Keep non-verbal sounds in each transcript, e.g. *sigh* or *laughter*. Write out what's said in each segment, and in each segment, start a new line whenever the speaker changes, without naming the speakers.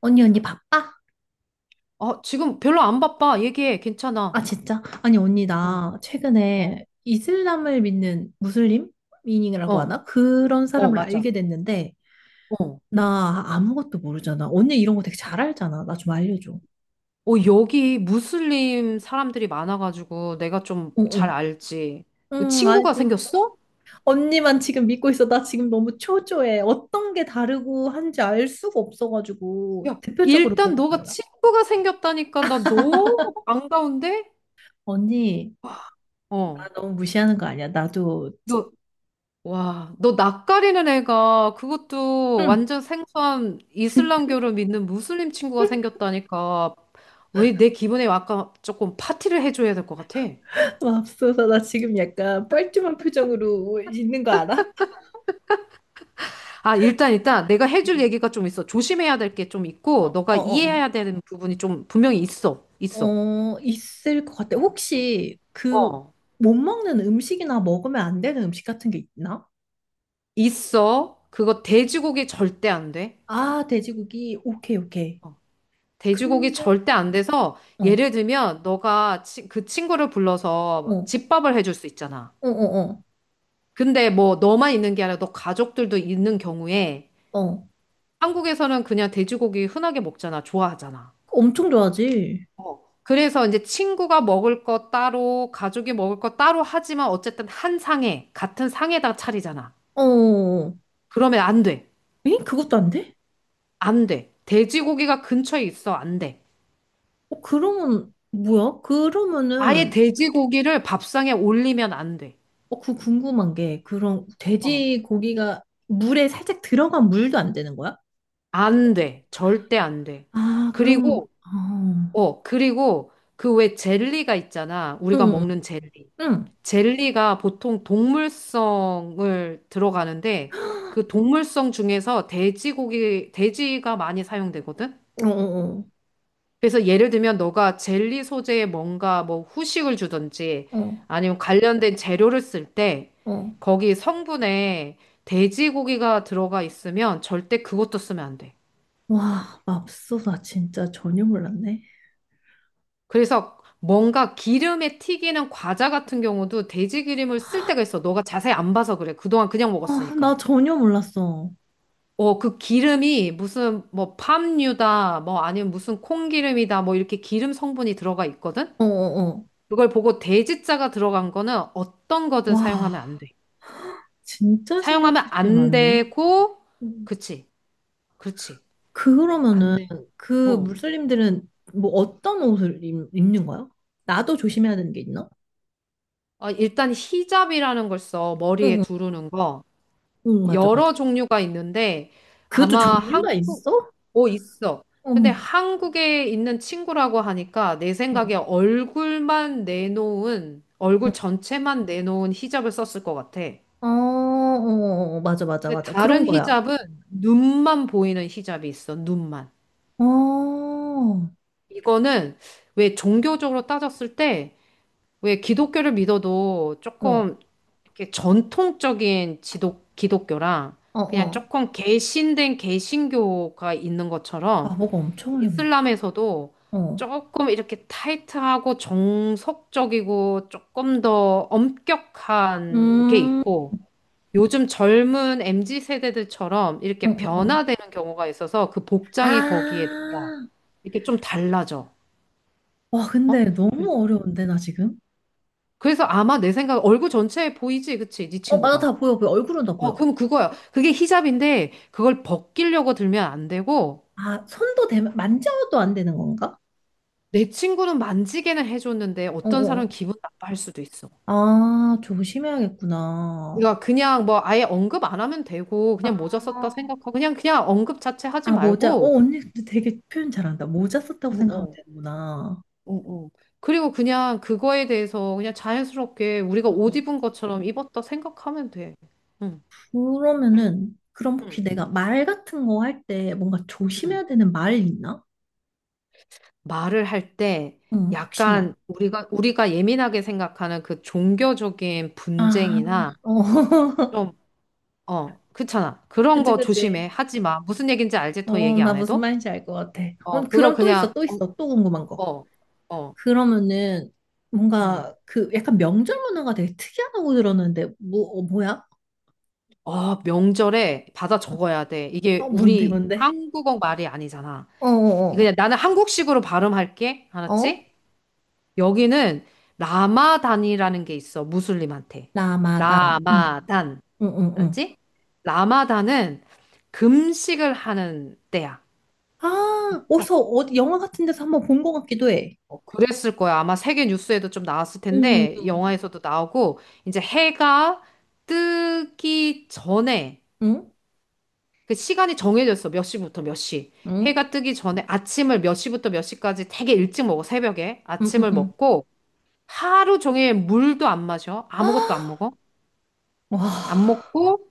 언니, 언니 바빠?
아, 지금 별로 안 바빠. 얘기해.
아,
괜찮아.
진짜? 아니, 언니,
어,
나
어,
최근에 이슬람을 믿는 무슬림? 미닝이라고
어,
하나? 그런
어,
사람을
맞아.
알게 됐는데,
어.
나 아무것도 모르잖아. 언니 이런 거 되게 잘 알잖아. 나 좀 알려줘.
어, 여기 무슬림 사람들이 많아가지고 내가 좀
응,
잘
응.
알지. 그
응,
친구가
알고 있어.
생겼어?
언니만 지금 믿고 있어. 나 지금 너무 초조해. 어떤 게 다르고 한지 알 수가 없어가지고,
야,
대표적으로
일단
뭐가
너가
달라?
친구가 생겼다니까 나 너무 반가운데?
언니, 나
어.
너무 무시하는 거 아니야? 나도,
너, 와, 너 낯가리는 애가 그것도
응.
완전 생소한 이슬람교를 믿는 무슬림 친구가 생겼다니까. 왜 내 기분에 아까 조금 파티를 해줘야 될 것 같아?
맙소사, *laughs* 나 지금 약간 뻘쭘한 표정으로 있는 거 알아?
아, 일단, 내가 해줄
음.
얘기가 좀 있어. 조심해야 될 게 좀 있고, 너가
어, 어,
이해해야 되는 부분이 좀 분명히 있어.
어,
있어.
있을 것 같아. 혹시 그
어.
못 먹는 음식이나 먹으면 안 되는 음식 같은 게 있나?
있어. 그거 돼지고기 절대 안 돼.
아, 돼지고기. 오케이, 오케이.
돼지고기
근데,
절대 안 돼서,
어,
예를 들면, 너가 그 친구를
어,
불러서
어,
집밥을 해줄 수 있잖아.
어,
근데 뭐, 너만 있는 게 아니라 너 가족들도 있는 경우에,
어.
한국에서는 그냥 돼지고기 흔하게 먹잖아. 좋아하잖아.
엄청 좋아하지?
그래서 이제 친구가 먹을 거 따로, 가족이 먹을 거 따로 하지만 어쨌든 한 상에, 같은 상에다 차리잖아.
어, 어.
그러면 안 돼.
에? 그것도 안 돼?
안 돼. 돼지고기가 근처에 있어. 안 돼.
어, 그러면, 뭐야?
아예
그러면은,
돼지고기를 밥상에 올리면 안 돼.
어, 그 궁금한 게, 그런
어.
돼지고기가 물에 살짝 들어간 물도 안 되는 거야?
안 돼. 절대 안 돼.
아, 그럼,
그리고, 그리고 그 왜 젤리가 있잖아. 우리가
응,
먹는 젤리.
응,
젤리가 보통 동물성을 들어가는데 그 동물성 중에서 돼지고기, 돼지가 많이 사용되거든?
응. 어, 어, 어.
그래서 예를 들면 너가 젤리 소재에 뭔가 뭐 후식을 주든지
어,
아니면 관련된 재료를 쓸 때
어.
거기 성분에 돼지고기가 들어가 있으면 절대 그것도 쓰면 안 돼.
와, 맙소사 진짜 전혀 몰랐네.
그래서 뭔가 기름에 튀기는 과자 같은 경우도 돼지 기름을 쓸 때가 있어. 너가 자세히 안 봐서 그래. 그동안 그냥
아,
먹었으니까.
나 전혀 몰랐어.
어, 그 기름이 무슨 뭐 팜유다, 뭐 아니면 무슨 콩기름이다, 뭐 이렇게 기름 성분이 들어가 있거든?
어, 어, 어.
그걸 보고 돼지자가 들어간 거는 어떤 거든 사용하면
와,
안 돼.
진짜 신경
사용하면
쓸 게
안
많네.
되고,
음.
그치, 그렇지. 안
그러면은
돼.
그
어.
무슬림들은 뭐 어떤 옷을 입는 거야? 나도 조심해야 되는 게 있나?
아, 일단 히잡이라는 걸 써,
응,
머리에
응,
두르는 거.
응, 맞아, 맞아.
여러 종류가 있는데
그것도
아마
종류가
한국
있어?
있어.
어머,
근데 한국에 있는 친구라고 하니까 내 생각에
어,
얼굴만 내놓은
응.
얼굴 전체만 내놓은 히잡을 썼을 것 같아.
아, 맞아, 맞아,
근데
맞아. 그런
다른
거야.
히잡은 눈만 보이는 히잡이 있어. 눈만.
어, 어,
이거는 왜 종교적으로 따졌을 때 왜 기독교를 믿어도 조금 이렇게 전통적인 지독 기독교랑
어,
그냥
어.
조금 개신된 개신교가 있는
아,
것처럼
뭐가 엄청 어렵네.
이슬람에서도
어.
조금 이렇게 타이트하고 정석적이고 조금 더 엄격한 게
음,
있고 요즘 젊은 MZ 세대들처럼
어, 어,
이렇게
어.
변화되는 경우가 있어서 그 복장이 거기에 나와.
아,
이렇게 좀 달라져.
와,
어?
근데 너무 어려운데, 나 지금?
그래서 아마 내 생각 얼굴 전체에 보이지, 그치? 네
어, 맞아,
친구가.
다 보여, 보여. 얼굴은 다
어,
보여.
그럼 그거야. 그게 히잡인데 그걸 벗기려고 들면 안 되고
아, 손도 대, 만져도 안 되는 건가?
내 친구는 만지게는 해줬는데
어, 어.
어떤 사람은
어.
기분 나빠할 수도 있어.
아, 조심해야겠구나.
그러니까 그냥 뭐 아예 언급 안 하면 되고 그냥 모자
아,
썼다 생각하고 그냥 언급 자체 하지
아, 모자. 어,
말고
언니 근데 되게 표현 잘한다. 모자 썼다고
어,
생각하면
어,
되는구나.
어, 어. 그리고 그냥 그거에 대해서 그냥 자연스럽게 우리가
어,
옷
어.
입은 것처럼 입었다 생각하면 돼. 응.
그러면은, 그럼
응,
혹시 내가 말 같은 거 할 때 뭔가
응.
조심해야 되는 말이 있나?
말을 할 때
응,
약간
혹시나.
우리가 예민하게 생각하는 그 종교적인
아,
분쟁이나
어. *laughs*
좀 그렇잖아. 그런
그치,
거
그치.
조심해. 하지 마. 무슨 얘기인지 알지? 더
어,
얘기
나
안
무슨
해도?
말인지 알 것 같아. 어,
어, 그거
그럼 또 있어,
그냥
또
어,
있어, 또 궁금한
어,
거.
어, 어.
그러면은
음.
뭔가 그 약간 명절 문화가 되게 특이하다고 들었는데, 뭐, 어, 뭐야?
아, 명절에 받아 적어야 돼.
어,
이게
뭔데,
우리
뭔데?
한국어 말이 아니잖아.
어, 어,
그냥 나는 한국식으로 발음할게.
어. 어?
알았지? 여기는 라마단이라는 게 있어. 무슬림한테.
라마단. 응,
라마단.
응, 응, 응.
알았지? 라마단은 금식을 하는 때야.
아,
그러니까
어디서, 어디, 영화 같은 데서 한번 본 것 같기도 해.
그랬을 거야. 아마 세계 뉴스에도 좀 나왔을
응,
텐데,
응,
영화에서도 나오고, 이제 해가 뜨기 전에
응.
그 시간이 정해졌어. 몇 시부터 몇 시.
응?
해가 뜨기 전에 아침을 몇 시부터 몇 시까지 되게 일찍 먹어. 새벽에.
응, 응, 응.
아침을
응.
먹고 하루 종일 물도 안 마셔.
*gasps* 아,
아무것도 안 먹어.
와.
안 먹고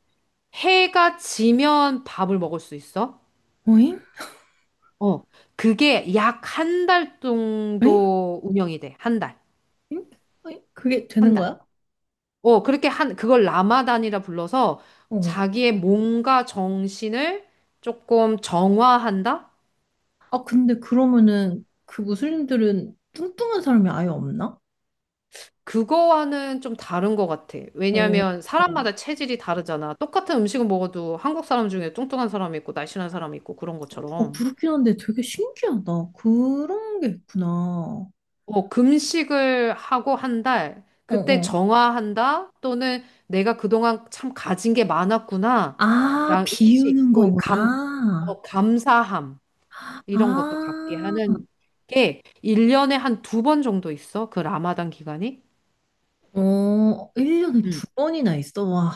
해가 지면 밥을 먹을 수 있어.
어잉?
어. 그게 약 한 달
어잉?
정도 운영이 돼. 한 달.
어잉? 어잉? 그게
한
되는
달.
거야?
어, 그렇게 그걸 라마단이라 불러서
어.
자기의 몸과 정신을 조금 정화한다?
아, 근데 그러면은 그 무슬림들은 뚱뚱한 사람이 아예 없나?
그거와는 좀 다른 것 같아.
어,
왜냐면
어,
사람마다 체질이 다르잖아. 똑같은 음식을 먹어도 한국 사람 중에 뚱뚱한 사람이 있고 날씬한 사람이 있고 그런 것처럼.
그렇긴 한데 되게 신기하다. 그런 게 있구나. 어,
어, 금식을 하고 한 달, 그때
어.
정화한다? 또는 내가 그동안 참 가진 게 많았구나.
아,
랑 음식,
비우는
뭐
거구나.
감사함 이런 것도 갖게
아,
하는 게 1년에 한 두 번 정도 있어. 그 라마단 기간이.
어, 1년에
음.
두 번이나 있어. 와,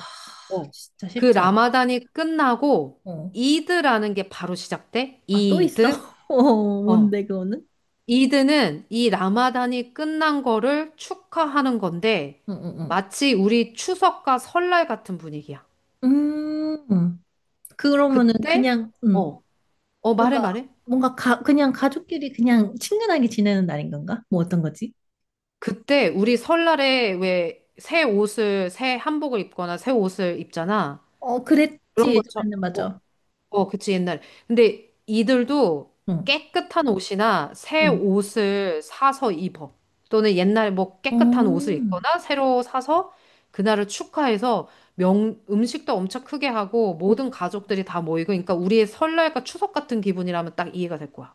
어.
진짜
그
쉽지 않다.
라마단이 끝나고
어.
이드라는 게 바로 시작돼?
아, 또 있어?
이드?
*laughs* 어,
어.
뭔데, 그거는?
이드는 이 라마단이 끝난 거를 축하하는 건데
응, 응,
마치 우리 추석과 설날 같은 분위기야.
응. 그러면은
그때
그냥,
어. 어, 말해
뭔가
말해.
그냥 가족끼리 그냥 친근하게 지내는 날인 건가? 뭐 어떤 거지?
그때 우리 설날에 왜 새 한복을 입거나 새 옷을 입잖아.
어, 그랬지
그런 것처럼
예전에는
어.
맞아.
어, 그치, 옛날. 근데 이들도
응,
깨끗한 옷이나 새
응.
옷을 사서 입어. 또는 옛날에 뭐
어.
깨끗한 옷을 입거나 새로 사서 그날을 축하해서 음식도 엄청 크게 하고 모든 가족들이 다 모이고, 그러니까 우리의 설날과 추석 같은 기분이라면 딱 이해가 될 거야.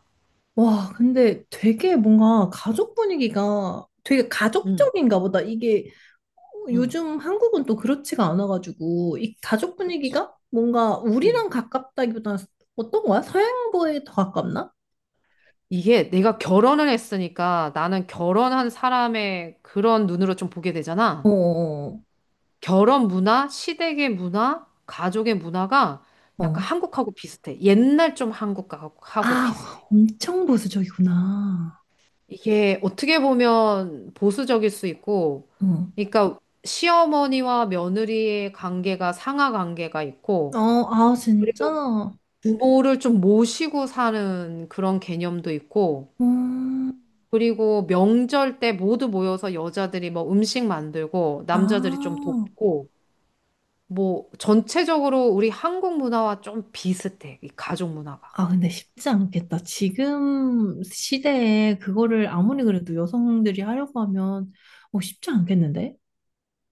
와, 근데 되게 뭔가 가족 분위기가 되게
응,
가족적인가 보다. 이게
응,
요즘 한국은 또 그렇지가 않아가지고 이 가족
그치.
분위기가 뭔가
음.
우리랑 가깝다기보다는 어떤 거야? 서양부에 더 가깝나?
이게 내가 결혼을 했으니까 나는 결혼한 사람의 그런 눈으로 좀 보게
어,
되잖아.
어.
결혼 문화, 시댁의 문화, 가족의 문화가 약간
어.
한국하고 비슷해. 옛날 좀 한국하고
아,
비슷해.
엄청 보수적이구나.
이게 어떻게 보면 보수적일 수 있고,
어.
그러니까 시어머니와 며느리의 관계가 상하 관계가
어,
있고,
아, 진짜? 어,
부모를 좀 모시고 사는 그런 개념도 있고, 그리고 명절 때 모두 모여서 여자들이 뭐 음식 만들고, 남자들이 좀
아,
돕고, 뭐 전체적으로 우리 한국 문화와 좀 비슷해. 이 가족 문화가.
아, 근데 쉽지 않겠다. 지금 시대에 그거를 아무리 그래도 여성들이 하려고 하면, 어, 쉽지 않겠는데?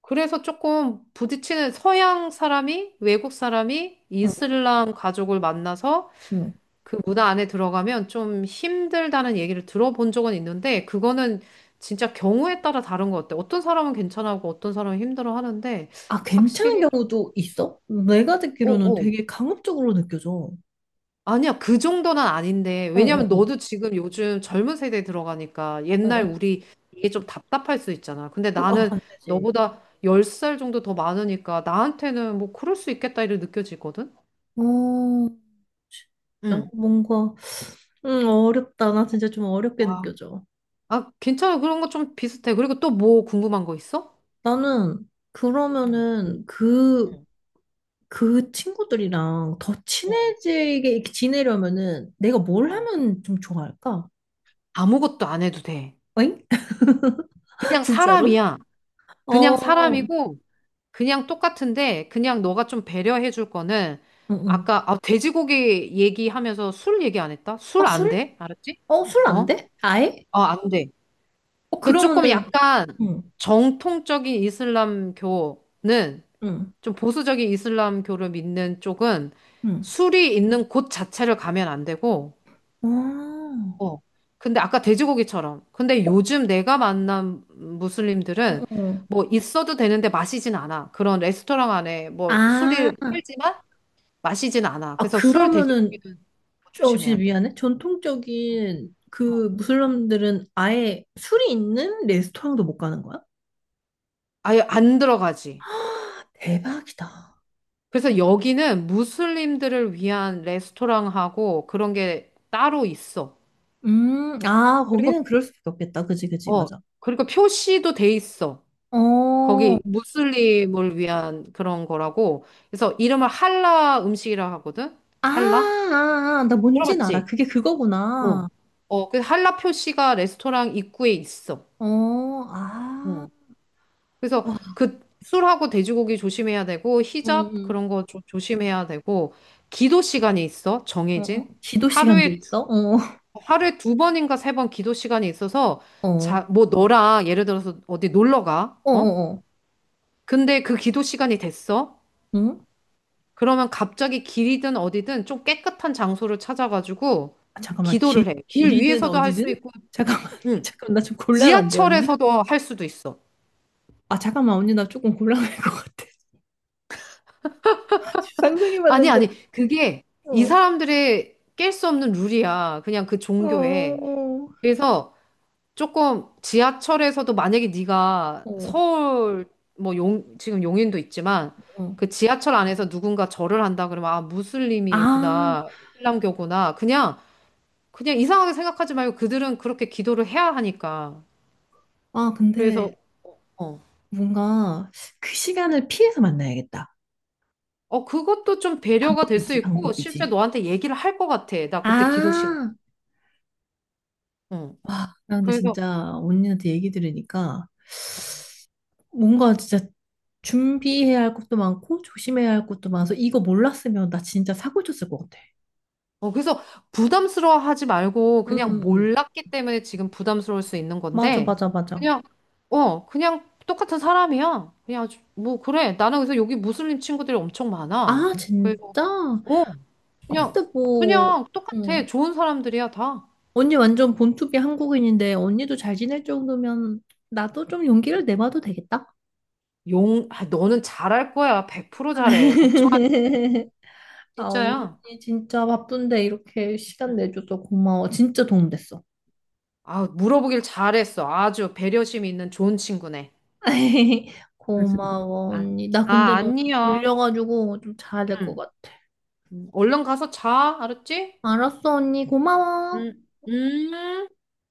그래서 조금 부딪히는 서양 사람이 외국 사람이
어,
이슬람 가족을 만나서
어.
그 문화 안에 들어가면 좀 힘들다는 얘기를 들어본 적은 있는데 그거는 진짜 경우에 따라 다른 것 같아. 어떤 사람은 괜찮아하고 어떤 사람은 힘들어 하는데
아, 괜찮은
확실히
경우도 있어? 내가 듣기로는
어어
되게 강압적으로 느껴져.
아니야, 그 정도는 아닌데.
어,
왜냐면
어,
너도 지금 요즘 젊은 세대에 들어가니까
어, 어,
옛날
어.
우리 이게 좀 답답할 수 있잖아. 근데
아,
나는
안 되지.
너보다 10살 정도 더 많으니까 나한테는 뭐 그럴 수 있겠다 이렇게 느껴지거든?
어, 진짜
응.
뭔가, 어렵다. 나 진짜 좀 어렵게
아,
느껴져.
아, 괜찮아. 그런 거 좀 비슷해. 그리고 또 뭐 궁금한 거 있어?
나는,
응,
그러면은, 그,
응,
그 친구들이랑 더
어,
친해지게 이렇게 지내려면은 내가 뭘
어.
하면 좀 좋아할까?
아무것도 안 해도 돼.
어잉? *laughs*
그냥
진짜로?
사람이야. 그냥
어, 응,
사람이고, 그냥 똑같은데 그냥 너가 좀 배려해 줄 거는
응.
아까 아, 돼지고기 얘기하면서 술 얘기 안 했다?
아,
술 안
술?
돼? 알았지?
어, 술
어?
안 돼? 아예?
어, 안 돼.
어,
그 조금
그러면은,
약간
응,
정통적인 이슬람교는
응,
좀 보수적인 이슬람교를 믿는 쪽은
응.
술이 있는 곳 자체를 가면 안 되고
아,
어. 근데 아까 돼지고기처럼. 근데 요즘 내가 만난
어,
무슬림들은
어.
뭐 있어도 되는데 마시진 않아. 그런 레스토랑 안에 뭐
아,
술을 팔지만 마시진 않아.
아,
그래서 술
그러면은,
돼지고기는 뭐
저 진짜
조심해야 돼.
미안해. 전통적인
어.
그 무슬림들은 아예 술이 있는 레스토랑도 못 가는 거야?
아예 안 들어가지.
대박이다.
그래서 여기는 무슬림들을 위한 레스토랑하고 그런 게 따로 있어.
아,
그리고
거기는 그럴 수밖에 없겠다. 그지, 그지,
어,
맞아.
그리고 표시도 돼 있어.
어, 아,
거기 무슬림을 위한 그런 거라고. 그래서 이름을 할라 음식이라 하거든?
아,
할라?
아, 아. 나 뭔진 알아.
들어봤지?
그게 그거구나.
어, 어, 그 할라 표시가 레스토랑 입구에 있어.
어, 아,
어. 그래서
와,
그 술하고 돼지고기 조심해야 되고
응,
히잡
응,
그런 거 조심해야 되고 기도 시간이 있어
응. 어, 어,
정해진
기도 시간도
하루에 두-
있어?
하루에 두 번인가 세 번 기도 시간이 있어서
어,
자
어,
뭐 너랑 예를 들어서 어디 놀러 가
어,
어?
어,
근데 그 기도 시간이 됐어
응?
그러면 갑자기 길이든 어디든 좀 깨끗한 장소를 찾아가지고
아, 잠깐만,
기도를 해. 길
길이든
위에서도 할 수
어디든?
있고,
잠깐만, *laughs*
응.
잠깐만, 나 좀 곤란한데, 언니?
지하철에서도 할 수도 있어.
아, 잠깐만, 언니, 나 조금 곤란할 것 같아. *laughs* 상상해
아니,
봤는데,
아니, 그게 이
어,
사람들의 깰 수 없는 룰이야. 그냥 그
어,
종교에.
어,
그래서 조금 지하철에서도 만약에 네가
어.
서울, 뭐 지금 용인도 있지만
어.
그 지하철 안에서 누군가 절을 한다 그러면 아,
아,
무슬림이구나, 이슬람교구나. 그냥 이상하게 생각하지 말고 그들은 그렇게 기도를 해야 하니까.
아,
그래서,
근데
어,
뭔가 그 시간을 피해서 만나야겠다.
그것도 좀 배려가 될 수
방법이지,
있고, 실제
방법이지.
너한테 얘기를 할 것 같아. 나 그때 기도 시간.
아,
어.
와, 나 근데
그래서,
진짜 언니한테 얘기 들으니까 뭔가 진짜 준비해야 할 것도 많고 조심해야 할 것도 많아서 이거 몰랐으면 나 진짜 사고 쳤을 것 같아.
그래서 부담스러워 하지 말고,
응,
그냥
응, 응.
몰랐기 때문에 지금 부담스러울 수 있는
맞아,
건데,
맞아, 맞아.
그냥, 그냥 똑같은 사람이야. 그냥, 뭐, 그래. 나는 그래서 여기 무슬림 친구들이 엄청 많아.
아,
그래서,
진짜?
어,
아,
그냥,
근데 뭐,
그냥 똑같아.
응.
좋은 사람들이야, 다.
언니 완전 본투비 한국인인데 언니도 잘 지낼 정도면 나도 좀 용기를 내봐도 되겠다?
아, 너는 잘할 거야. 100% 잘해. 걱정하지,
*laughs* 아, 언니
진짜야.
진짜 바쁜데 이렇게 시간
응.
내줘서 고마워. 진짜 도움 됐어.
아, 물어보길 잘했어. 아주 배려심 있는 좋은 친구네.
*laughs*
*laughs*
고마워,
아,
언니. 나
아,
근데 너무
아니요.
졸려가지고 좀 자야 될 것
응.
같아.
응. 얼른 가서 자. 알았지?
알았어, 언니. 고마워.
응. 음.